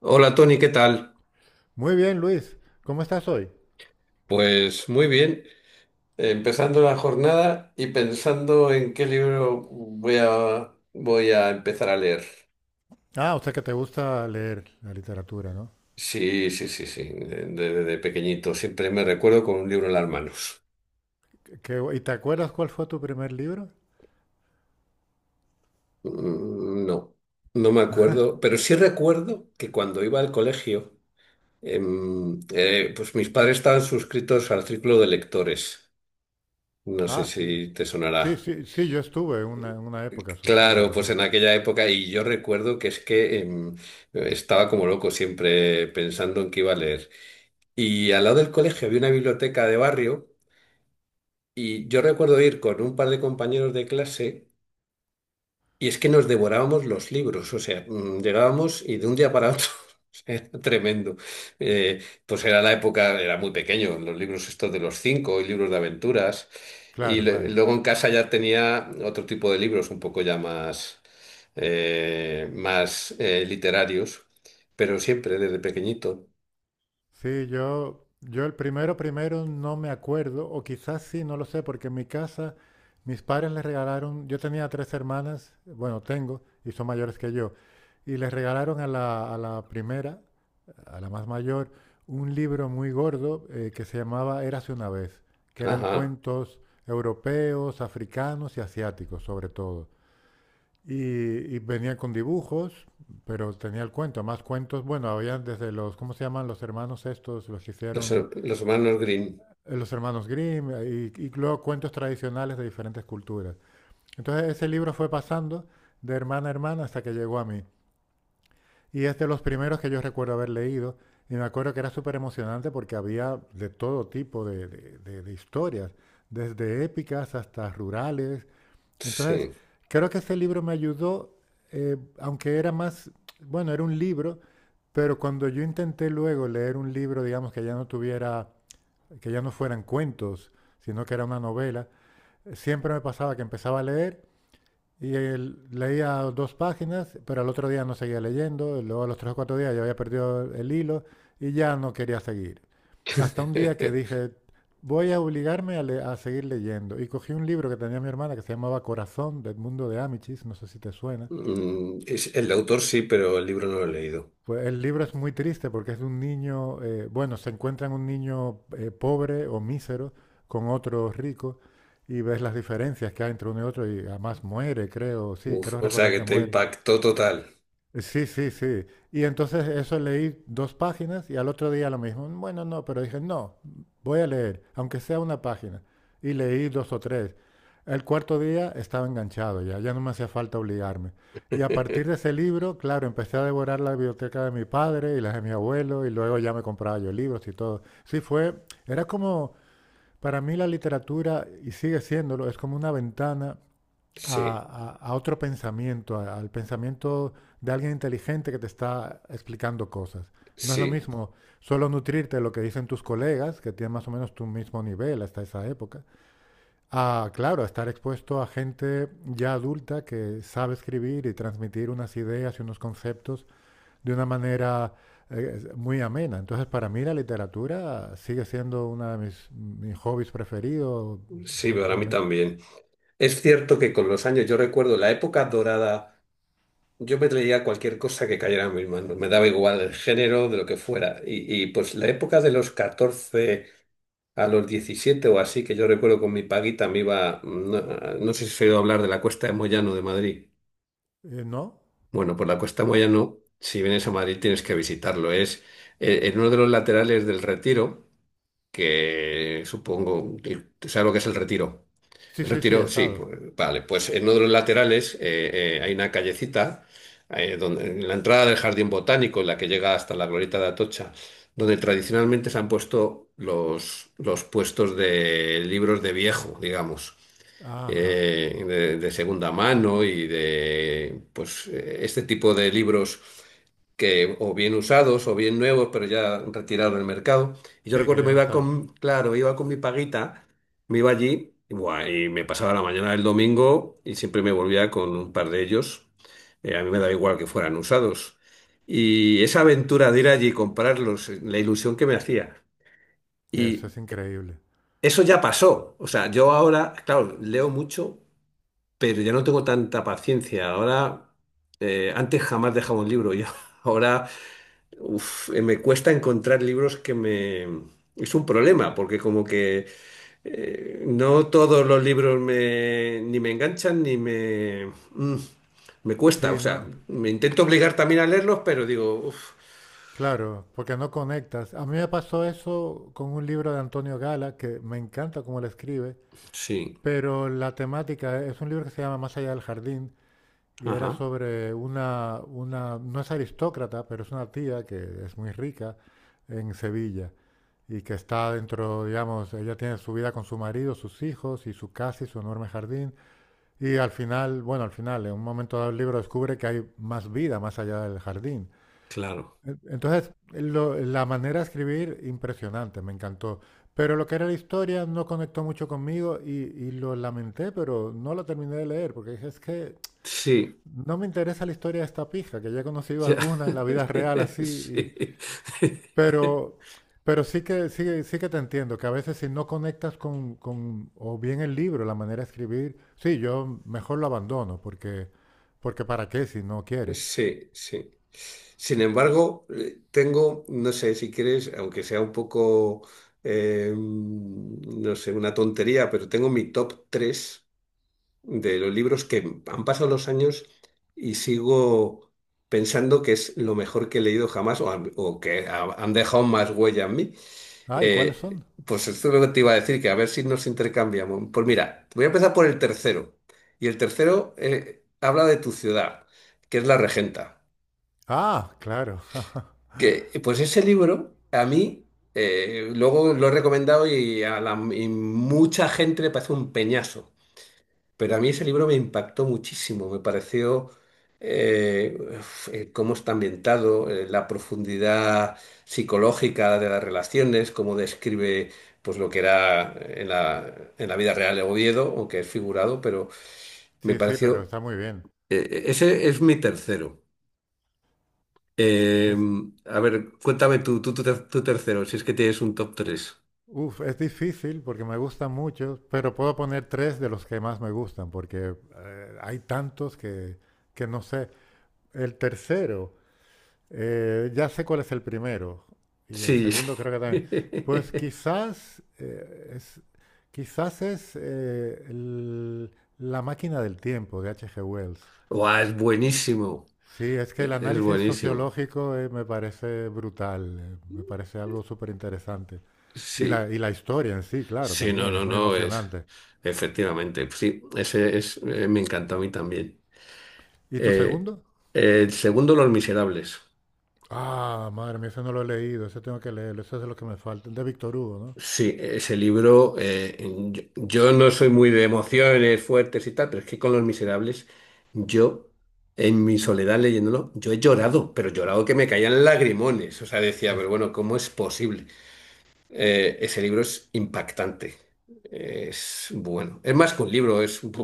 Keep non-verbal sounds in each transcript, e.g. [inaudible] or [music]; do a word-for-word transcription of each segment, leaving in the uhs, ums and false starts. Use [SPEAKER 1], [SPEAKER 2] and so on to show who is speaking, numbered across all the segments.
[SPEAKER 1] Hola Tony, ¿qué tal?
[SPEAKER 2] Muy bien, Luis. ¿Cómo estás hoy?
[SPEAKER 1] Pues muy bien, empezando la jornada y pensando en qué libro voy a, voy a empezar a leer.
[SPEAKER 2] Ah, o sea que te gusta leer la literatura, ¿no?
[SPEAKER 1] Sí, sí, sí, sí, de, de- de pequeñito siempre me recuerdo con un libro en las manos.
[SPEAKER 2] Qué- qué ¿Y te acuerdas cuál fue tu primer libro?
[SPEAKER 1] Mm, no, no me acuerdo, pero sí recuerdo que cuando iba al colegio, em, eh, pues mis padres estaban suscritos al círculo de lectores. No sé
[SPEAKER 2] Ah,
[SPEAKER 1] si
[SPEAKER 2] sí.
[SPEAKER 1] te sonará.
[SPEAKER 2] Sí, sí, sí, yo estuve en una, en una época suscrito
[SPEAKER 1] Claro, pues
[SPEAKER 2] también.
[SPEAKER 1] en aquella época, y yo recuerdo que es que em, estaba como loco siempre pensando en qué iba a leer. Y al lado del colegio había una biblioteca de barrio, y yo recuerdo ir con un par de compañeros de clase. Y es que nos devorábamos los libros, o sea, mm, llegábamos y de un día para otro [laughs] o sea, era tremendo. Eh, pues era la época, era muy pequeño, los libros estos de los cinco y libros de aventuras. Y
[SPEAKER 2] Claro,
[SPEAKER 1] le-
[SPEAKER 2] claro.
[SPEAKER 1] luego en casa ya tenía otro tipo de libros, un poco ya más, eh, más eh, literarios, pero siempre desde pequeñito.
[SPEAKER 2] Sí, yo, yo el primero, primero no me acuerdo, o quizás sí, no lo sé, porque en mi casa mis padres les regalaron, yo tenía tres hermanas, bueno, tengo, y son mayores que yo, y les regalaron a la, a la primera, a la más mayor, un libro muy gordo eh, que se llamaba Érase una vez, que eran
[SPEAKER 1] Ajá,
[SPEAKER 2] cuentos europeos, africanos y asiáticos, sobre todo. Y, y venía con dibujos, pero tenía el cuento, más cuentos. Bueno, había desde los, ¿cómo se llaman los hermanos estos? Los que
[SPEAKER 1] los,
[SPEAKER 2] hicieron
[SPEAKER 1] los hermanos Green,
[SPEAKER 2] eh, los hermanos Grimm, eh, y, y luego cuentos tradicionales de diferentes culturas. Entonces ese libro fue pasando de hermana a hermana hasta que llegó a mí. Y es de los primeros que yo recuerdo haber leído. Y me acuerdo que era súper emocionante porque había de todo tipo de, de- de- de historias, desde épicas hasta rurales, entonces,
[SPEAKER 1] sí.
[SPEAKER 2] creo que ese libro me ayudó, eh, aunque era más, bueno, era un libro, pero cuando yo intenté luego leer un libro, digamos, que ya no tuviera, que ya no fueran cuentos, sino que era una novela, siempre me pasaba que empezaba a leer y él leía dos páginas, pero al otro día no seguía leyendo. Luego a los tres o cuatro días ya había perdido el hilo y ya no quería seguir. Hasta un día que
[SPEAKER 1] [laughs]
[SPEAKER 2] dije, voy a obligarme a, le- a seguir leyendo. Y cogí un libro que tenía mi hermana que se llamaba Corazón, del mundo de Amichis, no sé si te suena.
[SPEAKER 1] Mm, es- el autor sí, pero el libro no lo he leído.
[SPEAKER 2] Pues el libro es muy triste porque es de un niño, eh, bueno, se encuentran un niño eh, pobre o mísero con otro rico y ves las diferencias que hay entre uno y otro y además muere, creo, sí,
[SPEAKER 1] Uf,
[SPEAKER 2] creo
[SPEAKER 1] o sea
[SPEAKER 2] recordar
[SPEAKER 1] que
[SPEAKER 2] que
[SPEAKER 1] te
[SPEAKER 2] muere.
[SPEAKER 1] impactó total.
[SPEAKER 2] Sí, sí, sí. Y entonces eso leí dos páginas y al otro día lo mismo. Bueno, no, pero dije, no, voy a leer, aunque sea una página. Y leí dos o tres. El cuarto día estaba enganchado ya, ya no me hacía falta obligarme. Y a partir de
[SPEAKER 1] [laughs]
[SPEAKER 2] ese libro, claro, empecé a devorar la biblioteca de mi padre y las de mi abuelo y luego ya me compraba yo libros y todo. Sí, fue, era como, para mí la literatura, y sigue siéndolo, es como una ventana
[SPEAKER 1] Sí,
[SPEAKER 2] a, a, a otro pensamiento, a- al pensamiento de alguien inteligente que te está explicando cosas. No es lo
[SPEAKER 1] sí,
[SPEAKER 2] mismo solo nutrirte de lo que dicen tus colegas, que tienen más o menos tu mismo nivel hasta esa época, a, claro, a estar expuesto a gente ya adulta que sabe escribir y transmitir unas ideas y unos conceptos de una manera eh, muy amena. Entonces, para mí la literatura sigue siendo uno de mis, mis hobbies preferidos,
[SPEAKER 1] sí,
[SPEAKER 2] eh,
[SPEAKER 1] para mí
[SPEAKER 2] realmente.
[SPEAKER 1] también. Es cierto que con los años, yo recuerdo la época dorada, yo me leía cualquier cosa que cayera en mis manos, me daba igual el género, de lo que fuera. Y, y, pues la época de los catorce a los diecisiete o así, que yo recuerdo con mi paguita me iba, no, no sé si has oído hablar de la Cuesta de Moyano de Madrid.
[SPEAKER 2] Eh, ¿no?
[SPEAKER 1] Bueno, por la Cuesta de Moyano, si vienes a Madrid tienes que visitarlo, es eh, en uno de los laterales del Retiro. Que supongo, el- ¿sabes lo que es el Retiro?
[SPEAKER 2] Sí,
[SPEAKER 1] El
[SPEAKER 2] sí, sí, he
[SPEAKER 1] Retiro, sí,
[SPEAKER 2] estado.
[SPEAKER 1] pues, vale, pues en uno de los laterales eh, eh, hay una callecita, eh, donde, en la entrada del Jardín Botánico, en la que llega hasta la Glorieta de Atocha, donde tradicionalmente se han puesto los, los puestos de libros de viejo, digamos
[SPEAKER 2] Ajá.
[SPEAKER 1] eh, de, de segunda mano y de pues eh, este tipo de libros que o bien usados o bien nuevos, pero ya retirados del mercado. Y yo
[SPEAKER 2] Sí, que
[SPEAKER 1] recuerdo que
[SPEAKER 2] ya
[SPEAKER 1] me
[SPEAKER 2] no
[SPEAKER 1] iba
[SPEAKER 2] están.
[SPEAKER 1] con, claro, iba con mi paguita, me iba allí y, buah, y me pasaba la mañana del domingo y siempre me volvía con un par de ellos. Eh, a mí me daba igual que fueran usados. Y esa aventura de ir allí y comprarlos, la ilusión que me hacía.
[SPEAKER 2] Eso
[SPEAKER 1] Y
[SPEAKER 2] es increíble.
[SPEAKER 1] eso ya pasó. O sea, yo ahora, claro, leo mucho pero ya no tengo tanta paciencia. Ahora, eh, antes jamás dejaba un libro. Yo [laughs] ahora, uf, eh, me cuesta encontrar libros que me... Es un problema, porque como que eh, no todos los libros me, ni me enganchan, ni me... mm, me cuesta. O
[SPEAKER 2] Sí,
[SPEAKER 1] sea,
[SPEAKER 2] no.
[SPEAKER 1] me intento obligar también a leerlos, pero digo, uf,
[SPEAKER 2] Claro, porque no conectas. A mí me pasó eso con un libro de Antonio Gala, que me encanta cómo lo escribe,
[SPEAKER 1] sí,
[SPEAKER 2] pero la temática es un libro que se llama Más allá del jardín y era
[SPEAKER 1] ajá,
[SPEAKER 2] sobre una, una, no es aristócrata, pero es una tía que es muy rica en Sevilla y que está dentro, digamos, ella tiene su vida con su marido, sus hijos y su casa y su enorme jardín. Y al final, bueno, al final, en un momento dado el libro descubre que hay más vida más allá del jardín.
[SPEAKER 1] claro.
[SPEAKER 2] E- Entonces, lo- la manera de escribir, impresionante, me encantó. Pero lo que era la historia no conectó mucho conmigo y, y lo lamenté, pero no lo terminé de leer, porque dije, es que
[SPEAKER 1] Sí,
[SPEAKER 2] no me interesa la historia de esta pija, que ya he conocido
[SPEAKER 1] ya.
[SPEAKER 2] alguna en la vida real
[SPEAKER 1] [laughs]
[SPEAKER 2] así,
[SPEAKER 1] Sí. [laughs]
[SPEAKER 2] pero, pero sí que, sí, que- sí que te entiendo, que a veces si no conectas con, con- o bien el libro, la manera de escribir, sí, yo mejor lo abandono, porque, porque ¿para qué si no quieres?
[SPEAKER 1] Sí, sí. Sin embargo, eh, tengo, no sé si quieres, aunque sea un poco, eh, mm, no sé, una tontería, pero tengo mi top tres de los libros que han pasado los años y sigo pensando que es lo mejor que he leído jamás o, han- o que ha- han dejado más huella en mí.
[SPEAKER 2] Ah, ¿y cuáles
[SPEAKER 1] Eh,
[SPEAKER 2] son?
[SPEAKER 1] pues esto es lo que te iba a decir, que a ver si nos intercambiamos. Pues mira, voy a empezar por el tercero. Y el tercero eh, habla de tu ciudad, que es La Regenta.
[SPEAKER 2] Ah, claro. [laughs]
[SPEAKER 1] Que, eh, pues ese libro, a mí, eh, luego lo he recomendado y a la, y mucha gente le parece un peñazo, pero a mí ese libro me impactó muchísimo, me pareció eh, uf, eh, cómo está ambientado, eh, la profundidad psicológica de las relaciones, cómo describe pues, lo que era en la, en la vida real de Oviedo, aunque es figurado, pero me
[SPEAKER 2] Sí, sí, pero
[SPEAKER 1] pareció,
[SPEAKER 2] está muy bien.
[SPEAKER 1] eh, eh, ese es mi tercero. Eh,
[SPEAKER 2] Es,
[SPEAKER 1] a ver, cuéntame tú, tú, tu ter- tu tercero, si es que tienes un top tres.
[SPEAKER 2] uf, es difícil porque me gustan muchos, pero puedo poner tres de los que más me gustan, porque eh, hay tantos que, que no sé. El tercero, Eh, ya sé cuál es el primero y el
[SPEAKER 1] Sí.
[SPEAKER 2] segundo creo que también. Pues
[SPEAKER 1] [laughs]
[SPEAKER 2] quizás eh, es, quizás es eh, el- La máquina del tiempo de H G. Wells.
[SPEAKER 1] Guau, es buenísimo.
[SPEAKER 2] Sí, es que el
[SPEAKER 1] E- Es
[SPEAKER 2] análisis
[SPEAKER 1] buenísimo.
[SPEAKER 2] sociológico eh, me parece brutal, eh, me parece algo súper interesante. Y la,
[SPEAKER 1] Sí.
[SPEAKER 2] y la historia en sí, claro,
[SPEAKER 1] Sí, no,
[SPEAKER 2] también es
[SPEAKER 1] no,
[SPEAKER 2] muy
[SPEAKER 1] no, es.
[SPEAKER 2] emocionante.
[SPEAKER 1] Efectivamente. Sí, ese es. Eh, me encanta a mí también.
[SPEAKER 2] ¿Y tu
[SPEAKER 1] Eh,
[SPEAKER 2] segundo?
[SPEAKER 1] el segundo, Los Miserables.
[SPEAKER 2] Ah, madre mía, ese no lo he leído, ese tengo que leerlo, ese es de lo que me falta, el de Víctor Hugo, ¿no?
[SPEAKER 1] Sí, ese libro, eh, yo, yo no soy muy de emociones fuertes y tal, pero es que con Los Miserables, yo, en mi soledad leyéndolo, yo he llorado, pero llorado que me caían lagrimones. O sea, decía, pero
[SPEAKER 2] Es-
[SPEAKER 1] bueno, ¿cómo es posible? Eh, ese libro es impactante, es bueno. Es más que un libro, es, uf,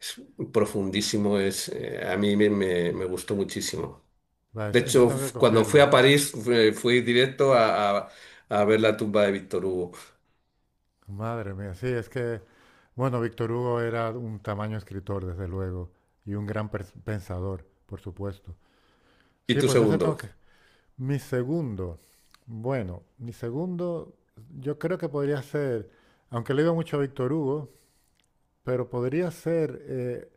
[SPEAKER 1] es profundísimo, es, eh, a mí me, me- me gustó muchísimo.
[SPEAKER 2] va,
[SPEAKER 1] De
[SPEAKER 2] ese, ese
[SPEAKER 1] hecho,
[SPEAKER 2] tengo que
[SPEAKER 1] f- cuando fui a
[SPEAKER 2] cogerlo.
[SPEAKER 1] París, fui, fui directo a, a a ver la tumba de Víctor Hugo.
[SPEAKER 2] Madre mía, sí, es que, bueno, Víctor Hugo era un tamaño escritor, desde luego, y un gran pers- pensador, por supuesto.
[SPEAKER 1] ¿Y
[SPEAKER 2] Sí,
[SPEAKER 1] tu
[SPEAKER 2] pues ese
[SPEAKER 1] segundo?
[SPEAKER 2] tengo que... Mi segundo, bueno, mi segundo yo creo que podría ser, aunque le digo mucho a Víctor Hugo, pero podría ser, eh,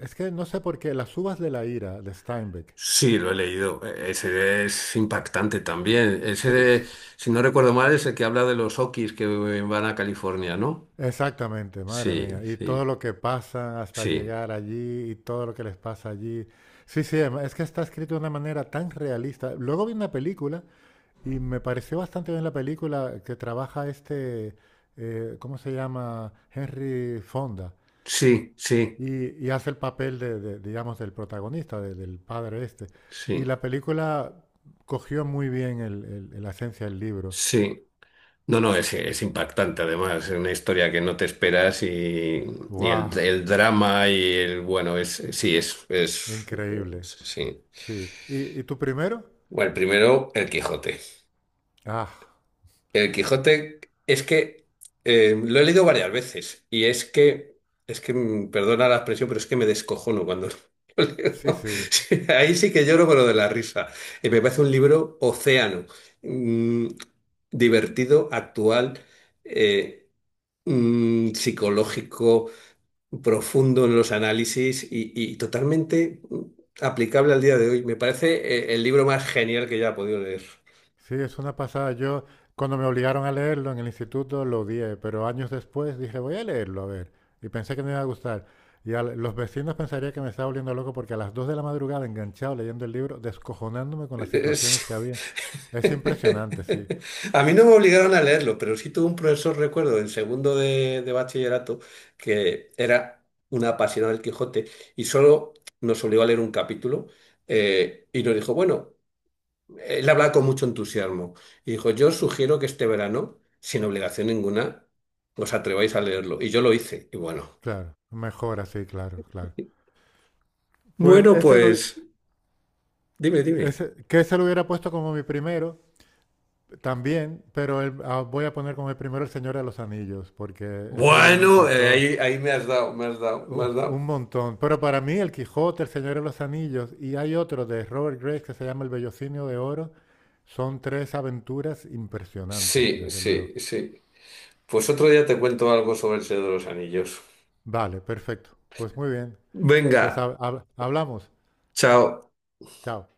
[SPEAKER 2] es que no sé por qué, Las uvas de la ira de Steinbeck.
[SPEAKER 1] Sí, lo he leído. E- Ese es impactante también. Ese, de-
[SPEAKER 2] Pues,
[SPEAKER 1] si no recuerdo mal, es el que habla de los Okis que van a California, ¿no?
[SPEAKER 2] exactamente, madre
[SPEAKER 1] Sí,
[SPEAKER 2] mía. Y todo
[SPEAKER 1] sí,
[SPEAKER 2] lo que pasa hasta
[SPEAKER 1] sí,
[SPEAKER 2] llegar allí y todo lo que les pasa allí. Sí, sí, em- es que está escrito de una manera tan realista. Luego vi una película y me pareció bastante bien la película que trabaja este, eh, ¿cómo se llama? Henry Fonda.
[SPEAKER 1] sí, sí,
[SPEAKER 2] Y, y hace el papel de, de, digamos, del protagonista, de- del padre este. Y
[SPEAKER 1] sí,
[SPEAKER 2] la película cogió muy bien el, el- la esencia del libro.
[SPEAKER 1] sí. No, no, es, es impactante además. Es una historia que no te esperas y, y el,
[SPEAKER 2] ¡Wow!
[SPEAKER 1] el drama y el, bueno, es, sí, es, es,
[SPEAKER 2] Increíble.
[SPEAKER 1] sí.
[SPEAKER 2] Sí. ¿Y, y tú primero?
[SPEAKER 1] Bueno, primero, El Quijote.
[SPEAKER 2] Ah.
[SPEAKER 1] El Quijote es que eh, lo he leído varias veces y es que, es que, mm, perdona la expresión, pero es que me descojono cuando [laughs] lo
[SPEAKER 2] Sí,
[SPEAKER 1] leo.
[SPEAKER 2] sí,
[SPEAKER 1] Sí, ahí sí que lloro, pero de la risa. Eh, me parece un libro océano, mm, divertido, actual, eh, mm, psicológico, profundo en los análisis y, y totalmente mm, aplicable al día de hoy. Me parece eh, el libro más genial que ya he podido leer.
[SPEAKER 2] sí, es una pasada. Yo, cuando me obligaron a leerlo en el instituto, lo odié, pero años después dije, voy a leerlo, a ver. Y pensé que me iba a gustar. Y a los vecinos pensaría que me estaba volviendo loco porque a las dos de la madrugada, enganchado leyendo el libro, descojonándome
[SPEAKER 1] [laughs]
[SPEAKER 2] con las situaciones que había. Es
[SPEAKER 1] [laughs]
[SPEAKER 2] impresionante, sí,
[SPEAKER 1] A mí no me obligaron a leerlo, pero sí tuve un profesor, recuerdo, en segundo de, de bachillerato, que era una apasionada del Quijote y solo nos obligó a leer un capítulo eh, y nos dijo, bueno, él hablaba con mucho entusiasmo y dijo, yo os sugiero que este verano, sin obligación ninguna, os atreváis a leerlo. Y yo lo hice. Y bueno,
[SPEAKER 2] claro. Mejor así, claro, claro. Pues
[SPEAKER 1] bueno,
[SPEAKER 2] ese, lo-
[SPEAKER 1] pues dime, dime.
[SPEAKER 2] ese- que ese lo hubiera puesto como mi primero también, pero el- ah, voy a poner como mi primero El Señor de los Anillos, porque ese libro me
[SPEAKER 1] Bueno, eh,
[SPEAKER 2] impactó.
[SPEAKER 1] ahí, ahí me has dado, me has dado, me
[SPEAKER 2] Uh,
[SPEAKER 1] has dado.
[SPEAKER 2] un montón. Pero para mí, El Quijote, El Señor de los Anillos y hay otro de Robert Graves que se llama El Bellocinio de Oro. Son tres aventuras impresionantes,
[SPEAKER 1] Sí,
[SPEAKER 2] desde luego.
[SPEAKER 1] sí, sí. Pues otro día te cuento algo sobre el Señor de los Anillos.
[SPEAKER 2] Vale, perfecto. Pues muy bien.
[SPEAKER 1] Venga,
[SPEAKER 2] Pues hab- hab- hablamos.
[SPEAKER 1] chao.
[SPEAKER 2] Chao.